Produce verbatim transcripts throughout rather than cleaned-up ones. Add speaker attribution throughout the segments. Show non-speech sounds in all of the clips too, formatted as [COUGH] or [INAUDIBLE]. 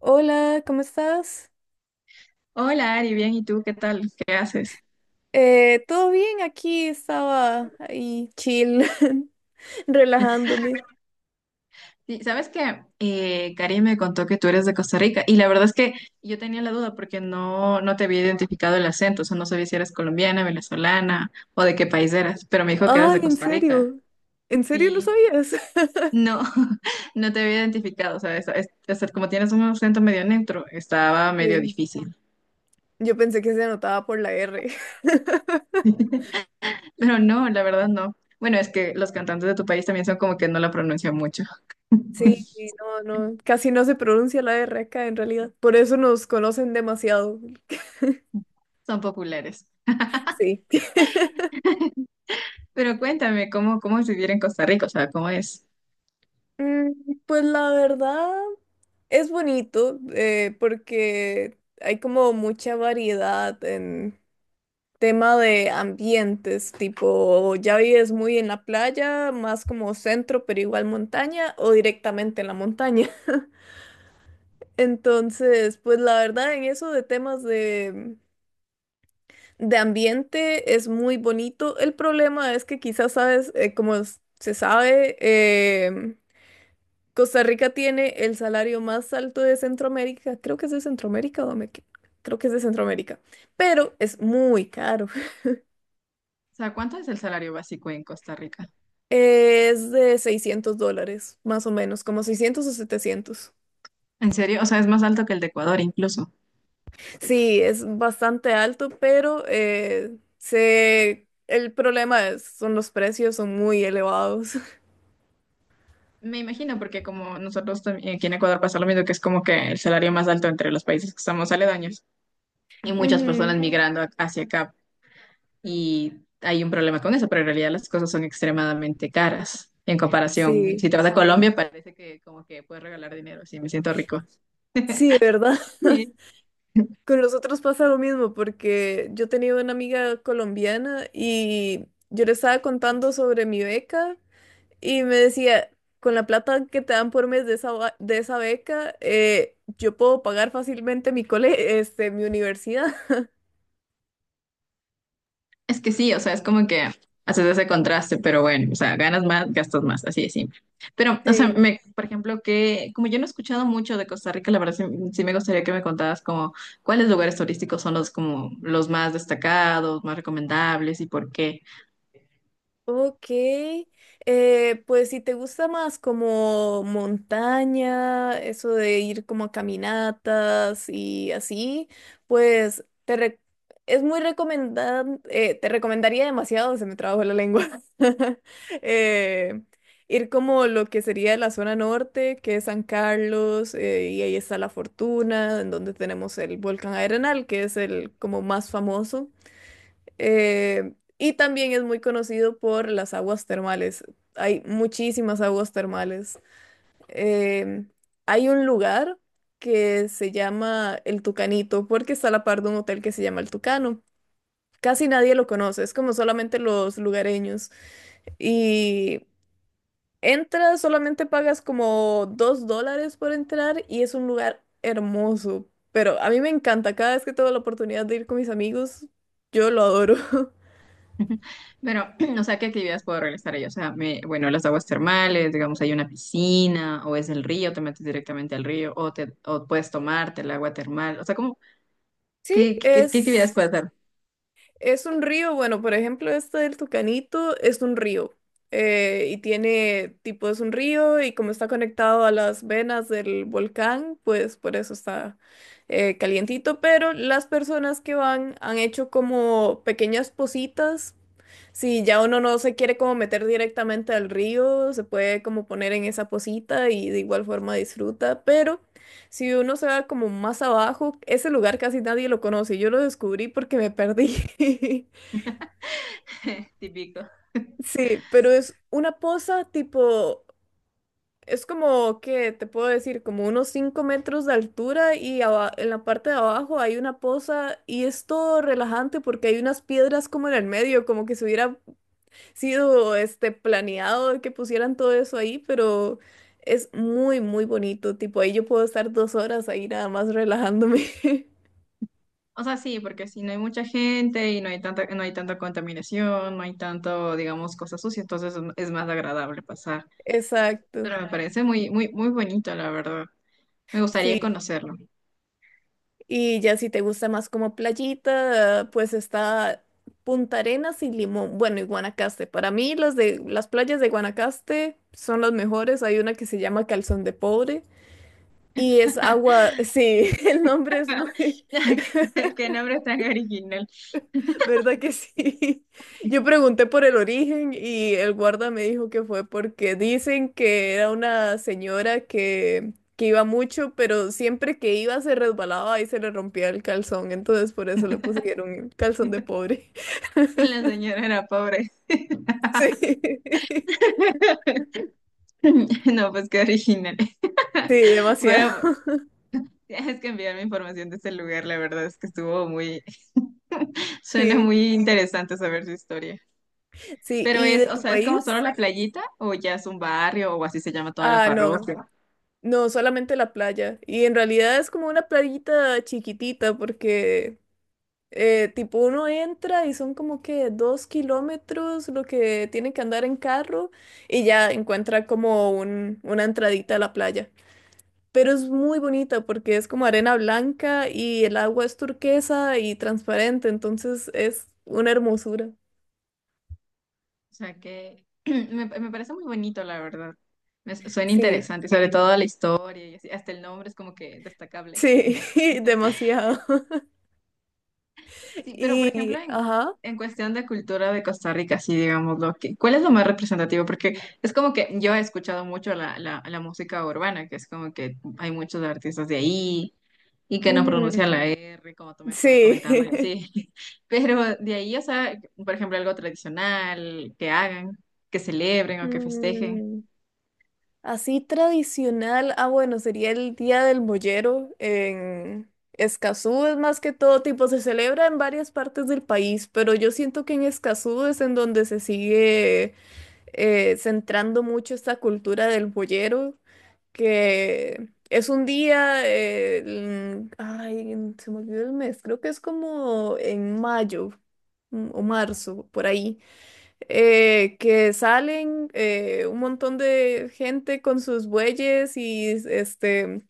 Speaker 1: Hola, ¿cómo estás?
Speaker 2: Hola Ari, bien, ¿y tú qué tal? ¿Qué haces?
Speaker 1: Eh, ¿todo bien? Aquí estaba ahí chill, [LAUGHS] relajándome.
Speaker 2: Sí, sabes que eh, Karim me contó que tú eres de Costa Rica y la verdad es que yo tenía la duda porque no, no te había identificado el acento, o sea, no sabía si eras colombiana, venezolana o de qué país eras, pero me dijo que eras
Speaker 1: Ay,
Speaker 2: de
Speaker 1: ¿en
Speaker 2: Costa Rica.
Speaker 1: serio? ¿En serio no
Speaker 2: Sí,
Speaker 1: sabías? [LAUGHS]
Speaker 2: no, [LAUGHS] no te había identificado, o sea, es- es- o sea, como tienes un acento medio neutro, estaba medio
Speaker 1: Sí,
Speaker 2: difícil,
Speaker 1: yo pensé que se anotaba por la R. [LAUGHS]
Speaker 2: pero no, la verdad no. Bueno, es que los cantantes de tu país también son como que no la pronuncian mucho,
Speaker 1: Sí, sí,
Speaker 2: [LAUGHS]
Speaker 1: no, no, casi no se pronuncia la R acá en realidad. Por eso nos conocen demasiado.
Speaker 2: son populares.
Speaker 1: Sí. [LAUGHS]
Speaker 2: Pero cuéntame, ¿cómo, cómo es vivir en Costa Rica? O sea, ¿cómo es?
Speaker 1: Mm, Pues la verdad es bonito eh, porque hay como mucha variedad en tema de ambientes, tipo, ¿ya vives muy en la playa, más como centro, pero igual montaña, o directamente en la montaña? [LAUGHS] Entonces, pues la verdad, en eso de temas de, de ambiente es muy bonito. El problema es que quizás sabes, eh, como s- se sabe, em, Costa Rica tiene el salario más alto de Centroamérica. Creo que es de Centroamérica o me... equi- Creo que es de Centroamérica, pero es muy caro.
Speaker 2: O sea, ¿cuánto es el salario básico en Costa Rica?
Speaker 1: Es de seiscientos dólares, más o menos, como seiscientos o setecientos.
Speaker 2: ¿En serio? O sea, es más alto que el de Ecuador incluso.
Speaker 1: Sí, es bastante alto, pero eh, se... el problema es, son los precios, son muy elevados. [LAUGHS]
Speaker 2: Me imagino, porque como nosotros también aquí en Ecuador pasa lo mismo, que es como que el salario más alto entre los países que estamos aledaños y muchas
Speaker 1: Ujú.
Speaker 2: personas migrando a- hacia acá. Y hay un problema con eso, pero en realidad las cosas son extremadamente caras en comparación.
Speaker 1: Sí,
Speaker 2: Si te vas a Colombia, parece que como que puedes regalar dinero, sí, me siento rico.
Speaker 1: sí, ¿verdad? [LAUGHS] Con los otros pasa lo mismo, porque yo tenía una amiga colombiana y yo le estaba contando sobre mi beca. Y me decía, con la plata que te dan por mes de esa, ba- de esa beca, eh, yo puedo pagar fácilmente mi cole, este, mi universidad. [LAUGHS]
Speaker 2: Es que sí, o sea, es como que haces ese contraste, pero bueno, o sea, ganas más, gastas más, así de simple. Pero, o sea,
Speaker 1: Sí.
Speaker 2: me, por ejemplo, que como yo no he escuchado mucho de Costa Rica, la verdad sí, sí me gustaría que me contaras como cuáles lugares turísticos son los como los más destacados, más recomendables y por qué.
Speaker 1: Ok, eh, pues si te gusta más como montaña, eso de ir como a caminatas y así, pues te re- es muy recomendable, te recomendaría demasiado, se me trabó la lengua. [LAUGHS] eh, Ir como lo que sería la zona norte, que es San Carlos, eh, y ahí está La Fortuna, en donde tenemos el volcán Arenal, que es el como más famoso. Eh, y también es muy conocido por las aguas termales. Hay muchísimas aguas termales. Eh, Hay un lugar que se llama El Tucanito porque está a la par de un hotel que se llama El Tucano. Casi nadie lo conoce, es como solamente los lugareños. Y entras, solamente pagas como dos dólares por entrar y es un lugar hermoso. Pero a mí me encanta, cada vez que tengo la oportunidad de ir con mis amigos, yo lo adoro. [LAUGHS]
Speaker 2: [LAUGHS] Pero, [CLEARS THROAT] o sea, ¿qué actividades puedo realizar ahí? O sea, me- bueno, las aguas termales, digamos, hay una piscina o es el río, te metes directamente al río o te o puedes tomarte el agua termal, o sea, como
Speaker 1: Sí.
Speaker 2: qué, qué, qué actividades
Speaker 1: es.
Speaker 2: puedes hacer?
Speaker 1: Es un río, bueno, por ejemplo, este del Tucanito es un río. Eh, y tiene, tipo, es un río y como está conectado a las venas del volcán, pues por eso está eh, calientito. Pero las personas que van han hecho como pequeñas positas, si ya uno no se quiere como meter directamente al río, se puede como poner en esa posita y de igual forma disfruta, pero si uno se va como más abajo, ese lugar casi nadie lo conoce. Yo lo descubrí porque me perdí. [LAUGHS]
Speaker 2: [LAUGHS] Típico.
Speaker 1: Sí, pero es una poza tipo, es como, ¿qué te puedo decir? Como unos cinco metros de altura y aba- en la parte de abajo hay una poza y es todo relajante porque hay unas piedras como en el medio, como que se hubiera sido este planeado que pusieran todo eso ahí, pero es muy, muy bonito. Tipo, ahí yo puedo estar dos horas ahí nada más relajándome. [LAUGHS]
Speaker 2: O sea, sí, porque si no hay mucha gente y no hay tanta, no hay tanta contaminación, no hay tanto, digamos, cosas sucias, entonces es es más agradable pasar.
Speaker 1: Exacto.
Speaker 2: Pero me parece muy, muy, muy bonito, la verdad. Me gustaría
Speaker 1: Sí.
Speaker 2: conocerlo.
Speaker 1: Y ya si te gusta más como playita, pues está Punta Arenas y Limón. Bueno, y Guanacaste. Para mí las de las playas de Guanacaste son las mejores. Hay una que se llama Calzón de Pobre. Y es agua,
Speaker 2: [LAUGHS]
Speaker 1: [LAUGHS] sí, el nombre es muy.
Speaker 2: Qué qué nombre tan original.
Speaker 1: ¿Verdad que sí? [LAUGHS] Yo pregunté por el origen y el guarda me dijo que fue porque dicen que era una señora que, que iba mucho, pero siempre que iba se resbalaba y se le rompía el calzón, entonces por eso le pusieron Calzón de
Speaker 2: [LAUGHS]
Speaker 1: Pobre. [LAUGHS]
Speaker 2: Y la señora era pobre.
Speaker 1: Sí, [LAUGHS] sí,
Speaker 2: [LAUGHS] No, pues qué original. [LAUGHS] Bueno,
Speaker 1: demasiado.
Speaker 2: tienes que enviarme información de ese lugar, la verdad es que estuvo muy, [LAUGHS] suena
Speaker 1: Sí,
Speaker 2: muy interesante saber su historia.
Speaker 1: sí.
Speaker 2: Pero
Speaker 1: ¿Y
Speaker 2: es,
Speaker 1: de
Speaker 2: o
Speaker 1: tu
Speaker 2: sea, es como solo
Speaker 1: país?
Speaker 2: la playita o ya es un barrio o así se llama toda la
Speaker 1: Ah, no,
Speaker 2: parroquia.
Speaker 1: no, solamente la playa. Y en realidad es como una playita chiquitita porque Eh, tipo uno entra y son como que dos kilómetros lo que tiene que andar en carro y ya encuentra como un, una entradita a la playa. Pero es muy bonita porque es como arena blanca y el agua es turquesa y transparente, entonces es una hermosura.
Speaker 2: O sea que [CLEARS THROAT] me, me parece muy bonito, la verdad. Me su- suena
Speaker 1: Sí,
Speaker 2: interesante, sobre todo la historia y así. Hasta el nombre es como que destacable.
Speaker 1: sí, [LAUGHS]
Speaker 2: [LAUGHS]
Speaker 1: demasiado. [LAUGHS]
Speaker 2: Sí, pero por ejemplo,
Speaker 1: Y,
Speaker 2: en,
Speaker 1: ajá,
Speaker 2: en cuestión de cultura de Costa Rica, sí, digámoslo, que, ¿cuál es lo más representativo? Porque es como que yo he escuchado mucho la, la, la música urbana, que es como que hay muchos artistas de ahí y que no
Speaker 1: ujú,
Speaker 2: pronuncian la R, como tú me estabas comentando, y
Speaker 1: sí. [LAUGHS]
Speaker 2: así. [LAUGHS] Pero de ahí, o sea, por ejemplo, algo tradicional que hagan, que celebren o que festejen.
Speaker 1: Mm. Así tradicional, ah bueno, sería el Día del Mollero en Escazú, es más que todo tipo, se celebra en varias partes del país, pero yo siento que en Escazú es en donde se sigue eh, centrando mucho esta cultura del mollero, que es un día, eh, en- ay, se me olvidó el mes, creo que es como en mayo, mm, o marzo, por ahí, eh, que salen eh, un montón de gente con sus bueyes y este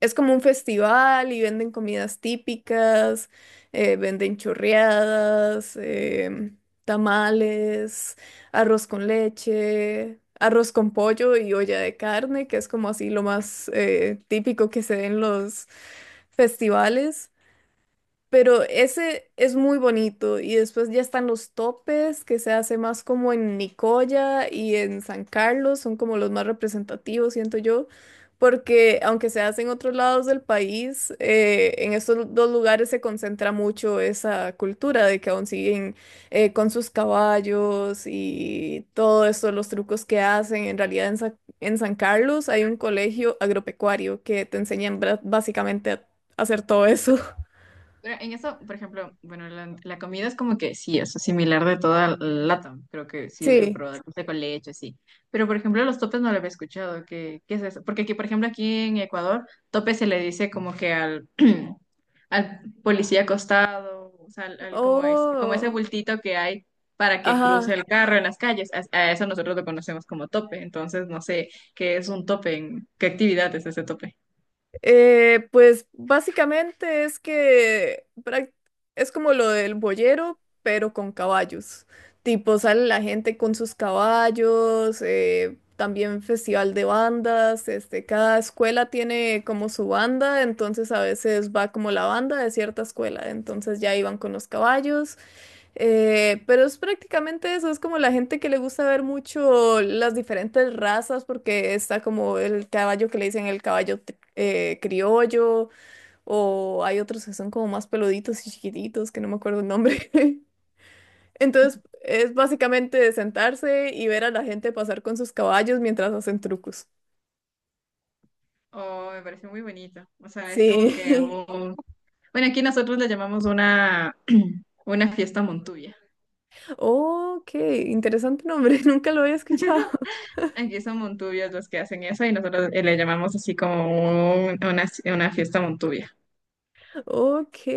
Speaker 1: es como un festival y venden comidas típicas, eh, venden chorreadas, em, tamales, arroz con leche. Arroz con pollo y olla de carne, que es como así lo más eh, típico que se ve en los festivales. Pero ese es muy bonito. Y después ya están los topes, que se hace más como en Nicoya y en San Carlos, son como los más representativos, siento yo. Porque aunque se hace en otros lados del país, eh, en estos dos lugares se concentra mucho esa cultura de que aún siguen eh, con sus caballos y todo eso, los trucos que hacen. En realidad en Sa- en San Carlos hay un colegio agropecuario que te enseñan bra- básicamente a hacer todo eso.
Speaker 2: Pero en eso, por ejemplo, bueno, la, la comida es como que sí, es similar de toda LATAM. Creo que
Speaker 1: [LAUGHS]
Speaker 2: sí, el
Speaker 1: Sí.
Speaker 2: probado café con leche, sí. Pero, por ejemplo, los topes no lo había escuchado. ¿Qué, qué es eso? Porque aquí, por ejemplo, aquí en Ecuador, tope se le dice como que al, [CLEARS THROAT] al policía acostado, o sea, al, al- como, es, como ese
Speaker 1: Oh,
Speaker 2: bultito que hay para que cruce
Speaker 1: ajá.
Speaker 2: el carro en las calles. A, a eso nosotros lo conocemos como tope. Entonces, no sé qué es un tope, en- qué actividad es ese tope.
Speaker 1: Eh, pues básicamente es que prac- es como lo del boyero, pero con caballos. Tipo, sale la gente con sus caballos, eh, también festival de bandas, este, cada escuela tiene como su banda, entonces a veces va como la banda de cierta escuela, entonces ya iban con los caballos. Eh, pero es prácticamente eso, es como la gente que le gusta ver mucho las diferentes razas, porque está como el caballo que le dicen el caballo tri- eh, criollo, o hay otros que son como más peluditos y chiquititos, que no me acuerdo el nombre. [LAUGHS] Entonces, es básicamente sentarse y ver a la gente pasar con sus caballos mientras hacen trucos.
Speaker 2: Oh, me pareció muy bonito. O sea, es como que
Speaker 1: Sí. [LAUGHS]
Speaker 2: un. Bueno, aquí nosotros le llamamos una, [CLEARS THROAT] una fiesta Montuvia.
Speaker 1: Oh, qué interesante nombre, [LAUGHS] nunca lo había escuchado.
Speaker 2: Aquí son Montuvios los que hacen eso y nosotros eh, le llamamos así como un- una, una fiesta Montuvia.
Speaker 1: Ok.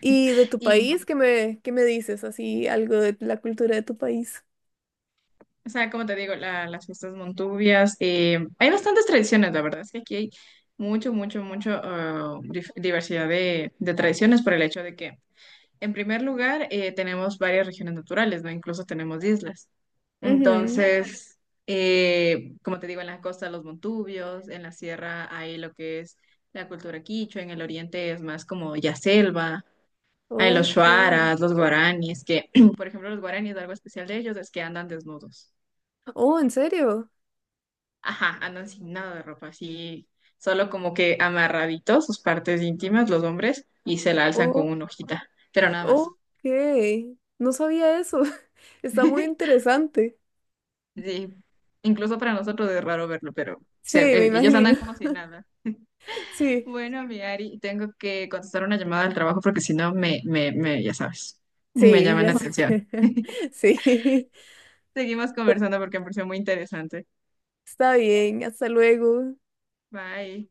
Speaker 1: ¿Y de tu
Speaker 2: Y,
Speaker 1: país? ¿Qué me, qué me dices? Así, algo de la cultura de tu país.
Speaker 2: o sea, como te digo, la- las fiestas Montuvias, eh, hay bastantes tradiciones, la verdad es que aquí hay mucho, mucho, mucho ah, dif- diversidad de, de tradiciones por el hecho de que, en primer lugar, eh, tenemos varias regiones naturales, ¿no? Incluso tenemos islas.
Speaker 1: Ujú.
Speaker 2: Entonces, eh, como te digo, en las costas los montubios, en la sierra hay lo que es la cultura quichua, en el oriente es más como ya selva, hay los
Speaker 1: Ok.
Speaker 2: shuaras, los guaraníes, que [CLEARS THROAT] por ejemplo los guaraníes, algo especial de ellos es que andan desnudos.
Speaker 1: Oh, ¿en serio?
Speaker 2: Ajá, andan sin nada de ropa, así, solo como que amarraditos sus partes íntimas, los hombres, y se la alzan con
Speaker 1: Oh,
Speaker 2: una hojita, pero nada
Speaker 1: ok.
Speaker 2: más.
Speaker 1: No sabía eso. [LAUGHS] Está muy
Speaker 2: [LAUGHS]
Speaker 1: interesante.
Speaker 2: Sí, incluso para nosotros es raro verlo, pero
Speaker 1: Sí,
Speaker 2: se-
Speaker 1: me
Speaker 2: eh, ellos
Speaker 1: imagino.
Speaker 2: andan como si
Speaker 1: [LAUGHS]
Speaker 2: nada.
Speaker 1: Sí,
Speaker 2: Bueno, mi Ari, tengo que contestar una llamada al trabajo porque si no me, me, me, ya sabes, me
Speaker 1: sí,
Speaker 2: llaman la [LAUGHS]
Speaker 1: ya sé.
Speaker 2: atención.
Speaker 1: [LAUGHS] Sí.
Speaker 2: Seguimos
Speaker 1: Pues,
Speaker 2: conversando porque me pareció muy interesante.
Speaker 1: está bien. Hasta luego.
Speaker 2: Bye.